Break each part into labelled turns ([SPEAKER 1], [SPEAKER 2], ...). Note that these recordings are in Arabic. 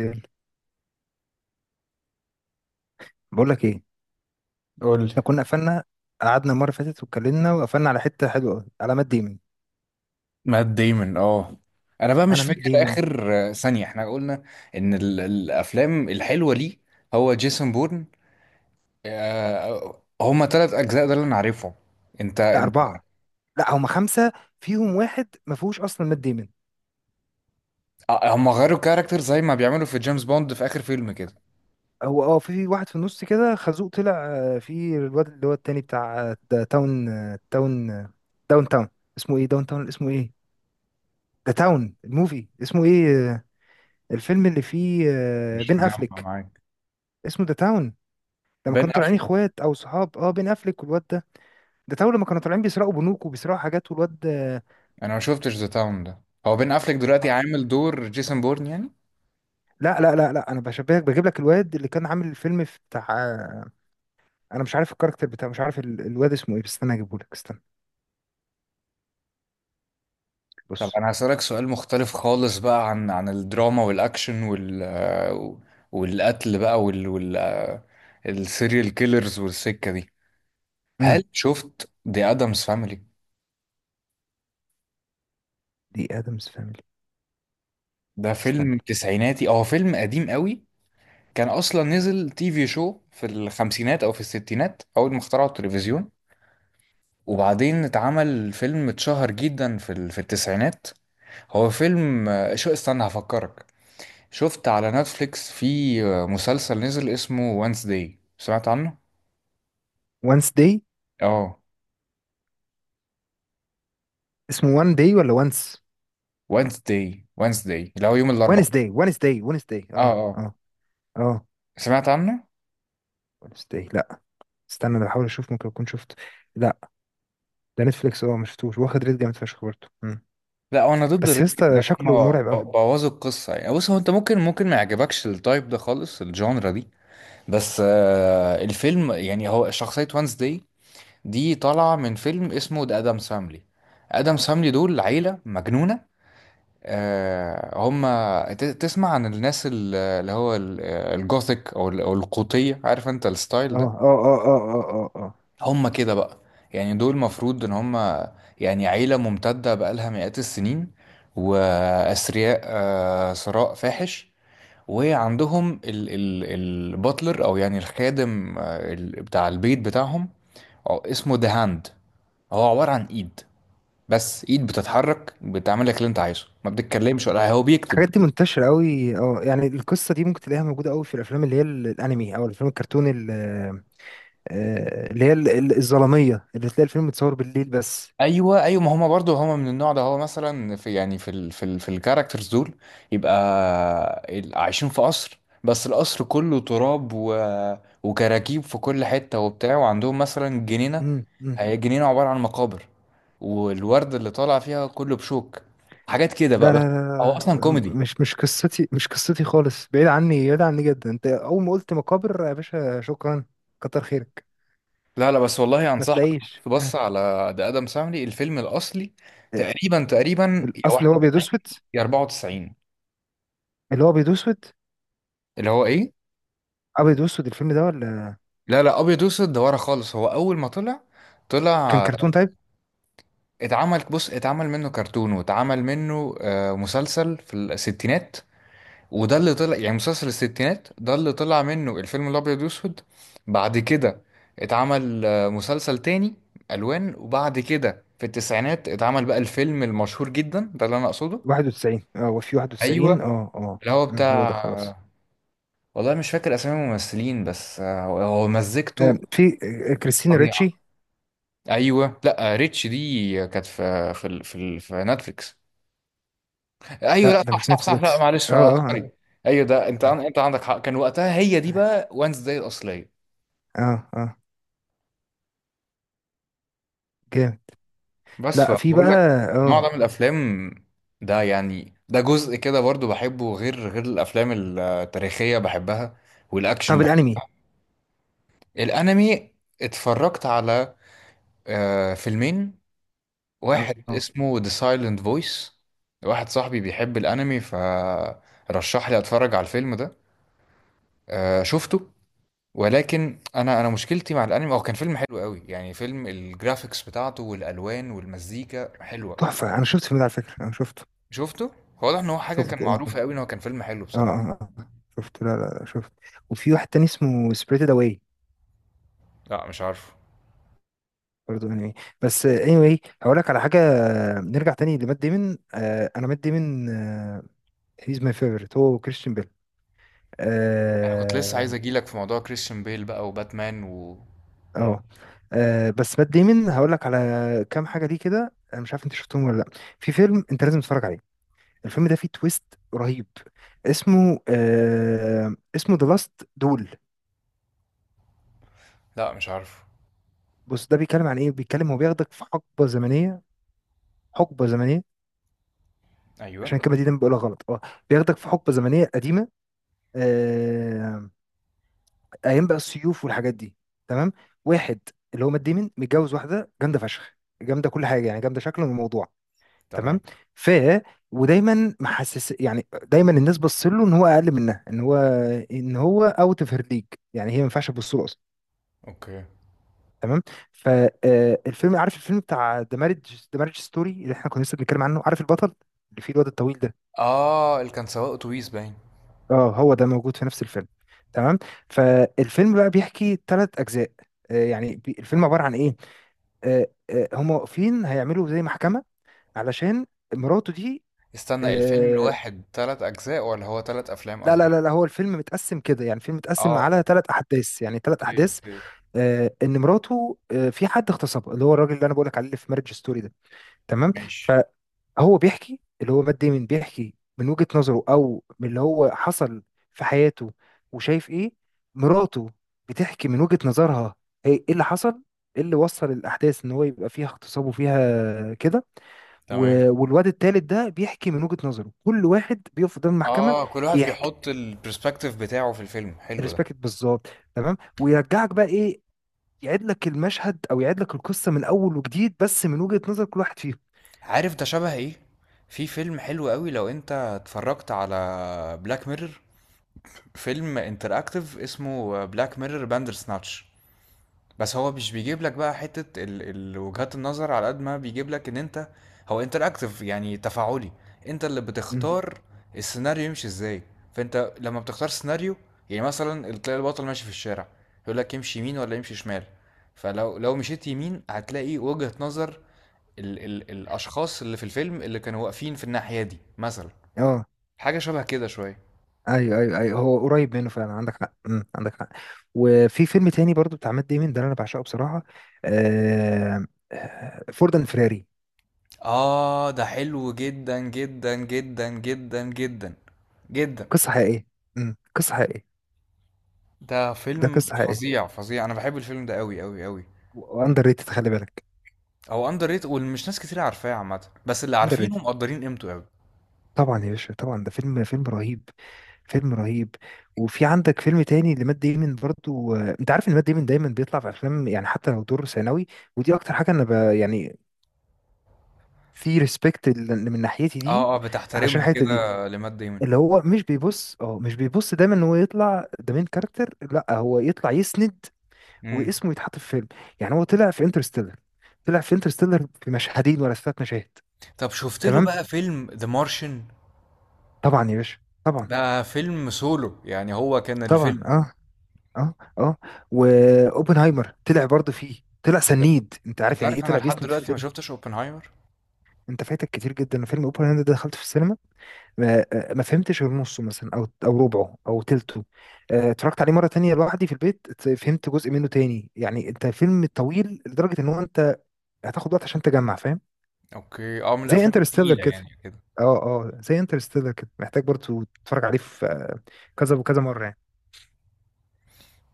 [SPEAKER 1] يلا. بقول لك ايه،
[SPEAKER 2] قول لي.
[SPEAKER 1] احنا كنا قفلنا. قعدنا المره اللي فاتت واتكلمنا وقفلنا على حته حلوه قوي على مات ديمن.
[SPEAKER 2] مات ديمون، اه. انا بقى
[SPEAKER 1] انا
[SPEAKER 2] مش
[SPEAKER 1] مات
[SPEAKER 2] فاكر
[SPEAKER 1] ديمن.
[SPEAKER 2] اخر ثانيه. احنا قلنا ان الافلام الحلوه ليه هو جيسون بورن. هما ثلاث اجزاء ده اللي انا عارفهم. انت
[SPEAKER 1] لا
[SPEAKER 2] انت
[SPEAKER 1] اربعه. لا هما خمسه. فيهم واحد ما فيهوش اصلا مات ديمن.
[SPEAKER 2] هما غيروا كاركتر زي ما بيعملوا في جيمس بوند في اخر فيلم كده.
[SPEAKER 1] هو اه في واحد في النص كده خازوق طلع. في الواد اللي هو التاني بتاع، آه، دا- تاون آه، تاون آه، داون تاون. اسمه ايه داون تاون؟ اسمه ايه ده تاون الموفي؟ اسمه ايه؟ آه، الفيلم اللي فيه
[SPEAKER 2] مش
[SPEAKER 1] بين
[SPEAKER 2] مجمع
[SPEAKER 1] افليك.
[SPEAKER 2] معاك
[SPEAKER 1] اسمه ده تاون. لما
[SPEAKER 2] بين
[SPEAKER 1] كانوا طالعين
[SPEAKER 2] افليك.
[SPEAKER 1] اخوات او صحاب اه بين افليك والواد ده، ده تاون لما كانوا طالعين بيسرقوا بنوك وبيسرقوا حاجات والواد
[SPEAKER 2] انا ما شفتش ذا تاون ده. هو بين افليك دلوقتي
[SPEAKER 1] آه.
[SPEAKER 2] عامل دور جيسون بورن يعني؟
[SPEAKER 1] لا، انا بشبهك بجيب لك الواد اللي كان عامل الفيلم في بتاع. انا مش عارف الكاركتر بتاعه، مش عارف الواد اسمه ايه، بس استنى اجيبه لك. استنى.
[SPEAKER 2] طب
[SPEAKER 1] بص.
[SPEAKER 2] انا هسألك سؤال مختلف خالص بقى عن الدراما والاكشن والقتل بقى وال وال السيريال كيلرز والسكة دي.
[SPEAKER 1] امم
[SPEAKER 2] هل شفت دي ادمز فاميلي؟
[SPEAKER 1] دي ادمز فاميلي.
[SPEAKER 2] ده
[SPEAKER 1] استنى.
[SPEAKER 2] فيلم تسعيناتي، هو فيلم قديم قوي. كان اصلا نزل تي في شو في الخمسينات او في الستينات اول ما اخترعوا التلفزيون، وبعدين اتعمل فيلم اتشهر جدا في في التسعينات. هو فيلم، شو استنى هفكرك. شفت على نتفليكس في مسلسل نزل اسمه وانسداي؟ سمعت عنه؟
[SPEAKER 1] وانس داي.
[SPEAKER 2] اه،
[SPEAKER 1] اسمه وان داي ولا وانس؟
[SPEAKER 2] وانسداي، وانسداي اللي هو يوم الاربعاء.
[SPEAKER 1] وانس داي وانس داي
[SPEAKER 2] اه.
[SPEAKER 1] اه
[SPEAKER 2] اه.
[SPEAKER 1] اه. اه.
[SPEAKER 2] سمعت عنه؟
[SPEAKER 1] وانس داي؟ لا. استنى انا بحاول اشوف ممكن اكون شفته. لا. ده نتفليكس؟ اه، ما شفتوش. واخد ريت جامد فشخ برضه. مم.
[SPEAKER 2] لا، هو انا ضد
[SPEAKER 1] بس يا
[SPEAKER 2] الريتنج
[SPEAKER 1] اسطى
[SPEAKER 2] ده،
[SPEAKER 1] شكله
[SPEAKER 2] هما
[SPEAKER 1] مرعب قوي.
[SPEAKER 2] بوظوا القصه. يعني بص، هو انت ممكن ما يعجبكش التايب ده خالص، الجانرا دي. بس آه الفيلم يعني هو شخصيه وانسداي دي طالعه من فيلم اسمه ذا ادم ساملي. ادم ساملي دول عيله مجنونه. آه، هم تسمع عن الناس اللي هو الجوثيك او أو القوطية، عارف انت الستايل
[SPEAKER 1] اه
[SPEAKER 2] ده؟
[SPEAKER 1] اه اه اه اه اه اه.
[SPEAKER 2] هم كده بقى. يعني دول مفروض ان هم يعني عيلة ممتدة بقالها مئات السنين، واثرياء، ثراء فاحش. وعندهم ال الباتلر او يعني الخادم، بتاع البيت بتاعهم، أو اسمه ذا هاند. هو عبارة عن ايد، بس ايد بتتحرك بتعمل لك اللي انت عايزه، ما بتتكلمش ولا هو بيكتب.
[SPEAKER 1] الحاجات دي منتشرة قوي، اه يعني القصة دي ممكن تلاقيها موجودة قوي في الأفلام اللي هي الأنمي أو الأفلام الكرتون اللي هي الظلامية اللي تلاقي الفيلم متصور بالليل بس.
[SPEAKER 2] ايوه، ايوه، ما هما برضه هما من النوع ده. هو مثلا في يعني في الكاركترز دول، يبقى عايشين في قصر، بس القصر كله تراب وكراكيب في كل حته وبتاع، وعندهم مثلا جنينه،
[SPEAKER 1] مم. مم.
[SPEAKER 2] هي جنينه عباره عن مقابر، والورد اللي طالع فيها كله بشوك. حاجات كده بقى
[SPEAKER 1] لا لا
[SPEAKER 2] بس. هو
[SPEAKER 1] لا لا
[SPEAKER 2] اصلا
[SPEAKER 1] لا،
[SPEAKER 2] كوميدي.
[SPEAKER 1] مش قصتي، مش قصتي خالص، بعيد عني، بعيد عني جدا. أنت أول ما قلت مقابر يا باشا، شكرا، كتر خيرك.
[SPEAKER 2] لا لا، بس والله
[SPEAKER 1] ما
[SPEAKER 2] انصحك
[SPEAKER 1] تلاقيش.
[SPEAKER 2] تبص
[SPEAKER 1] آه.
[SPEAKER 2] على، ده ادم سامري الفيلم الاصلي،
[SPEAKER 1] ال-
[SPEAKER 2] تقريبا تقريبا يا
[SPEAKER 1] الأصل اللي هو
[SPEAKER 2] واحد
[SPEAKER 1] أبيض وأسود،
[SPEAKER 2] يا 94.
[SPEAKER 1] اللي هو أبيض وأسود.
[SPEAKER 2] اللي هو ايه،
[SPEAKER 1] أبيض وأسود الفيلم ده ولا
[SPEAKER 2] لا لا ابيض واسود ده ورا خالص، هو اول ما طلع
[SPEAKER 1] كان
[SPEAKER 2] طلع.
[SPEAKER 1] كرتون
[SPEAKER 2] مم.
[SPEAKER 1] تايب؟
[SPEAKER 2] اتعمل، بص اتعمل منه كرتون، واتعمل منه مسلسل في الستينات، وده اللي طلع يعني، مسلسل الستينات ده اللي طلع منه الفيلم الابيض واسود. بعد كده اتعمل مسلسل تاني الوان، وبعد كده في التسعينات اتعمل بقى الفيلم المشهور جدا ده اللي انا اقصده.
[SPEAKER 1] 91، اه هو في 91،
[SPEAKER 2] ايوه،
[SPEAKER 1] اه اه.
[SPEAKER 2] اللي هو
[SPEAKER 1] مم، هو ده خلاص.
[SPEAKER 2] بتاع، والله مش فاكر اسامي الممثلين، بس هو مزجته.
[SPEAKER 1] في كريستينا ريتشي.
[SPEAKER 2] ايوه، لا ريتش دي كانت في في نتفليكس. ايوه،
[SPEAKER 1] لا
[SPEAKER 2] لا
[SPEAKER 1] ده
[SPEAKER 2] صح
[SPEAKER 1] مش
[SPEAKER 2] صح صح، لا
[SPEAKER 1] نتفليكس. اه
[SPEAKER 2] معلش،
[SPEAKER 1] اه
[SPEAKER 2] سوري. ايوه، ده انت
[SPEAKER 1] اه
[SPEAKER 2] انت عندك حق، كان وقتها هي دي
[SPEAKER 1] اه.
[SPEAKER 2] بقى وانز داي الاصليه.
[SPEAKER 1] آه، آه، جامد.
[SPEAKER 2] بس
[SPEAKER 1] لا في
[SPEAKER 2] فبقول
[SPEAKER 1] بقى.
[SPEAKER 2] لك، النوع ده من
[SPEAKER 1] اه.
[SPEAKER 2] الافلام ده، يعني ده جزء كده برضو بحبه، غير الافلام التاريخيه بحبها، والاكشن
[SPEAKER 1] طب
[SPEAKER 2] بحبها.
[SPEAKER 1] الانمي؟
[SPEAKER 2] الانمي، اتفرجت على فيلمين،
[SPEAKER 1] اه.
[SPEAKER 2] واحد اسمه ذا سايلنت فويس. واحد صاحبي بيحب الانمي، ف رشح لي اتفرج على الفيلم ده، آه شفته. ولكن انا مشكلتي مع الانمي، هو كان فيلم حلو قوي يعني، فيلم الجرافيكس بتاعته والالوان والمزيكا حلوه.
[SPEAKER 1] تحفه، انا شفت الفيلم ده على فكره، انا شفته.
[SPEAKER 2] شفته، هو واضح ان هو حاجه كان
[SPEAKER 1] شفته اه
[SPEAKER 2] معروفه قوي ان هو كان فيلم حلو
[SPEAKER 1] اه
[SPEAKER 2] بصراحه.
[SPEAKER 1] اه. شفته. لا، شفته. وفي واحد تاني اسمه سبريتد اواي،
[SPEAKER 2] لا مش عارفه.
[SPEAKER 1] برضه انمي. بس anyway هقول لك على حاجه. نرجع تاني لمات ديمون. آه انا مات ديمون هيز ماي فيفورت. هو كريستيان بيل.
[SPEAKER 2] انا كنت لسه عايز
[SPEAKER 1] آه،
[SPEAKER 2] اجيلك في موضوع كريستيان بيل بقى وباتمان و yeah.
[SPEAKER 1] اه بس بات ديمون هقول لك على كام حاجه دي كده، انا مش عارف انت شفتهم ولا لا. في فيلم انت لازم تتفرج عليه. الفيلم ده فيه تويست رهيب. اسمه اسمه ذا لاست دول.
[SPEAKER 2] لا مش عارفه.
[SPEAKER 1] بص، ده بيتكلم عن ايه؟ بيتكلم، هو بياخدك في حقبه زمنيه، حقبه زمنيه،
[SPEAKER 2] ايوه.
[SPEAKER 1] عشان الكلمه دي دايما بقولها غلط اه. بياخدك في حقبه زمنيه قديمه، آه، ايام بقى السيوف والحاجات دي، تمام؟ واحد اللي هو مات ديمون متجوز واحده جامده فشخ، جامده كل حاجه يعني، جامده شكلا وموضوعا.
[SPEAKER 2] تمام.
[SPEAKER 1] تمام. ف ودايما محسس، يعني دايما الناس بص له ان هو اقل منها، ان هو، ان هو اوت اوف هير ليج. يعني هي ما ينفعش تبص له اصلا.
[SPEAKER 2] اوكي.
[SPEAKER 1] تمام. فالفيلم، عارف الفيلم بتاع ذا مارج، ذا مارج ستوري اللي احنا كنا لسه بنتكلم عنه؟ عارف البطل اللي فيه الواد الطويل ده؟
[SPEAKER 2] اه، اللي كان سواق اتوبيس باين.
[SPEAKER 1] اه هو ده موجود في نفس الفيلم. تمام. فالفيلم بقى بيحكي ثلاث اجزاء. يعني الفيلم عباره عن ايه؟ هم واقفين هيعملوا زي محكمه علشان مراته دي.
[SPEAKER 2] استنى، الفيلم
[SPEAKER 1] آه،
[SPEAKER 2] الواحد تلات اجزاء ولا هو تلات افلام
[SPEAKER 1] لا
[SPEAKER 2] قصدي؟
[SPEAKER 1] لا لا لا هو الفيلم متقسم كده، يعني الفيلم متقسم
[SPEAKER 2] اه.
[SPEAKER 1] على ثلاث احداث، يعني ثلاث
[SPEAKER 2] اوكي،
[SPEAKER 1] احداث.
[SPEAKER 2] اوكي.
[SPEAKER 1] آه ان مراته آه في حد اغتصبها، اللي هو الراجل اللي انا بقولك عليه، اللي في مارج ستوري ده. تمام.
[SPEAKER 2] ماشي.
[SPEAKER 1] فهو بيحكي، اللي هو مات ديمون بيحكي من وجهة نظره، او من اللي هو حصل في حياته وشايف ايه. مراته بتحكي من وجهة نظرها، هي ايه اللي حصل، ايه اللي وصل الاحداث ان هو يبقى فيها اغتصاب وفيها كده.
[SPEAKER 2] تمام.
[SPEAKER 1] والواد التالت ده بيحكي من وجهة نظره، كل واحد بيقف قدام المحكمة
[SPEAKER 2] اه كل واحد
[SPEAKER 1] بيحكي.
[SPEAKER 2] بيحط البرسبكتيف بتاعه في الفيلم، حلو ده.
[SPEAKER 1] ريسبكت بالظبط. تمام. ويرجعك بقى ايه، يعيد لك المشهد او يعيد لك القصه من اول وجديد بس من وجهه نظر كل واحد فيهم.
[SPEAKER 2] عارف ده شبه ايه؟ في فيلم حلو قوي لو انت اتفرجت على بلاك ميرور، فيلم انتراكتيف اسمه بلاك ميرور باندر سناتش. بس هو مش بيجيب لك بقى حتة وجهات النظر على قد ما بيجيب لك ان انت، هو انتراكتيف يعني تفاعلي، انت اللي
[SPEAKER 1] مم.
[SPEAKER 2] بتختار السيناريو يمشي ازاي. فانت لما بتختار سيناريو، يعني مثلا تلاقي البطل ماشي في الشارع، يقول لك يمشي يمين ولا يمشي شمال. فلو مشيت يمين هتلاقي وجهة نظر الاشخاص اللي في الفيلم اللي كانوا واقفين في الناحية دي مثلا.
[SPEAKER 1] اه.
[SPEAKER 2] حاجة شبه كده شوية.
[SPEAKER 1] ايوه ايوه ايوه، هو قريب منه فعلا، عندك حق. مم. عندك حق. وفي فيلم تاني برضو بتاع مات ديمون ده اللي انا بعشقه بصراحه. آه... فورد اند فيراري.
[SPEAKER 2] اه، ده حلو جدا جدا جدا جدا جدا جدا.
[SPEAKER 1] قصه حقيقيه. مم. قصه حقيقيه.
[SPEAKER 2] ده
[SPEAKER 1] ده
[SPEAKER 2] فيلم
[SPEAKER 1] قصه حقيقيه.
[SPEAKER 2] فظيع فظيع، انا بحب الفيلم ده قوي قوي قوي.
[SPEAKER 1] واندر ريتد، خلي بالك.
[SPEAKER 2] هو اندر ريت، والمش ناس كتير عارفاه عامه، بس اللي
[SPEAKER 1] اندر
[SPEAKER 2] عارفينه
[SPEAKER 1] ريتد.
[SPEAKER 2] مقدرين قيمته قوي.
[SPEAKER 1] طبعا يا باشا طبعا، ده فيلم رهيب، فيلم رهيب. وفي عندك فيلم تاني لمات ديمون برضو. انت عارف ان مات ديمون دايما بيطلع في افلام، يعني حتى لو دور ثانوي، ودي اكتر حاجه انا ب... يعني في ريسبكت من ناحيتي دي،
[SPEAKER 2] اه اه،
[SPEAKER 1] علشان
[SPEAKER 2] بتحترمها
[SPEAKER 1] الحته دي،
[SPEAKER 2] كده لمات ديمون.
[SPEAKER 1] اللي هو مش بيبص، اه مش بيبص دايما ان هو يطلع ده مين كاركتر، لا، هو يطلع يسند
[SPEAKER 2] امم.
[SPEAKER 1] واسمه يتحط في فيلم. يعني هو طلع في انترستيلر، طلع في انترستيلر في مشهدين ولا ثلاث مشاهد.
[SPEAKER 2] طب شفت له
[SPEAKER 1] تمام.
[SPEAKER 2] بقى فيلم ذا مارشن؟
[SPEAKER 1] طبعا يا باشا، طبعا.
[SPEAKER 2] ده فيلم سولو، يعني هو كان
[SPEAKER 1] طبعا
[SPEAKER 2] الفيلم.
[SPEAKER 1] اه اه اه. واوبنهايمر طلع برضه فيه، طلع
[SPEAKER 2] انت
[SPEAKER 1] سنيد، انت عارف
[SPEAKER 2] انت
[SPEAKER 1] يعني ايه
[SPEAKER 2] عارف، انا
[SPEAKER 1] طلع
[SPEAKER 2] لحد
[SPEAKER 1] بيسند في
[SPEAKER 2] دلوقتي ما
[SPEAKER 1] الفيلم.
[SPEAKER 2] شفتش اوبنهايمر.
[SPEAKER 1] انت فايتك كتير جدا. أنا فيلم اوبنهايمر ده دخلته في السينما، ما, ما فهمتش غير نصه مثلا او او ربعه او تلته. اتفرجت عليه مره تانية لوحدي في البيت، فهمت جزء منه تاني. يعني انت فيلم طويل لدرجه ان هو انت هتاخد وقت عشان تجمع، فاهم؟
[SPEAKER 2] اوكي. اه، من
[SPEAKER 1] زي
[SPEAKER 2] الافلام
[SPEAKER 1] انترستيلر
[SPEAKER 2] التقيله
[SPEAKER 1] كده.
[SPEAKER 2] يعني كده.
[SPEAKER 1] اه اه زي انترستيلر كده، محتاج برضه تتفرج عليه في كذا وكذا مره يعني.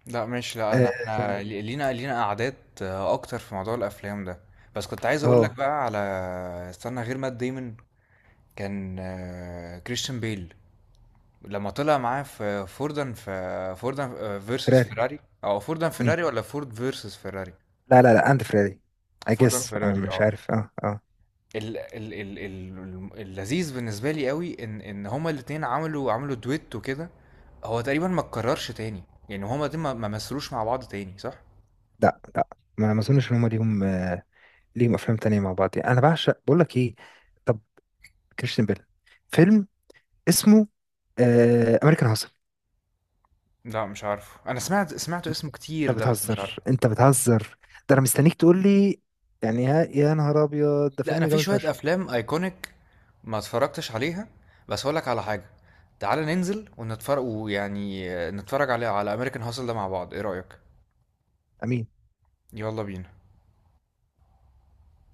[SPEAKER 2] لا مش، لا انا،
[SPEAKER 1] اه
[SPEAKER 2] احنا لينا قعدات اكتر في موضوع الافلام ده. بس كنت عايز
[SPEAKER 1] اه.
[SPEAKER 2] اقول لك بقى على، استنى، غير مات ديمون كان كريستيان بيل لما طلع معاه في فوردن، في فيرسس
[SPEAKER 1] فراري.
[SPEAKER 2] فيراري، او فوردن فيراري، ولا فورد فيرسس فيراري؟
[SPEAKER 1] لا، اند فريدي، اي
[SPEAKER 2] فوردن
[SPEAKER 1] جس
[SPEAKER 2] فيراري
[SPEAKER 1] مش
[SPEAKER 2] اه.
[SPEAKER 1] عارف اه اه.
[SPEAKER 2] ال اللذيذ بالنسبه لي قوي، ان هما الاتنين عملوا دويت وكده، هو تقريبا ما اتكررش تاني. يعني هما دول ما مثلوش مع بعض تاني صح؟
[SPEAKER 1] لا لا، ما اظنش ان هم ليهم، ليهم افلام تانية مع بعض يعني. انا بعشق، بقول لك ايه، طب كريستيان بيل فيلم اسمه امريكان هاسل.
[SPEAKER 2] لا مش عارف. انا سمعت اسمه كتير
[SPEAKER 1] انت
[SPEAKER 2] ده، بس مش عارف.
[SPEAKER 1] بتهزر، انت بتهزر، ده انا مستنيك تقول لي يعني ها يا نهار ابيض، ده
[SPEAKER 2] لا انا
[SPEAKER 1] فيلم
[SPEAKER 2] في
[SPEAKER 1] جامد
[SPEAKER 2] شويه
[SPEAKER 1] فشخ.
[SPEAKER 2] افلام ايكونيك ما اتفرجتش عليها. بس هقول لك على حاجه، تعالى ننزل ونتفرج، ويعني نتفرج على امريكان هاسل ده مع بعض، ايه رايك؟
[SPEAKER 1] امين.
[SPEAKER 2] يلا بينا.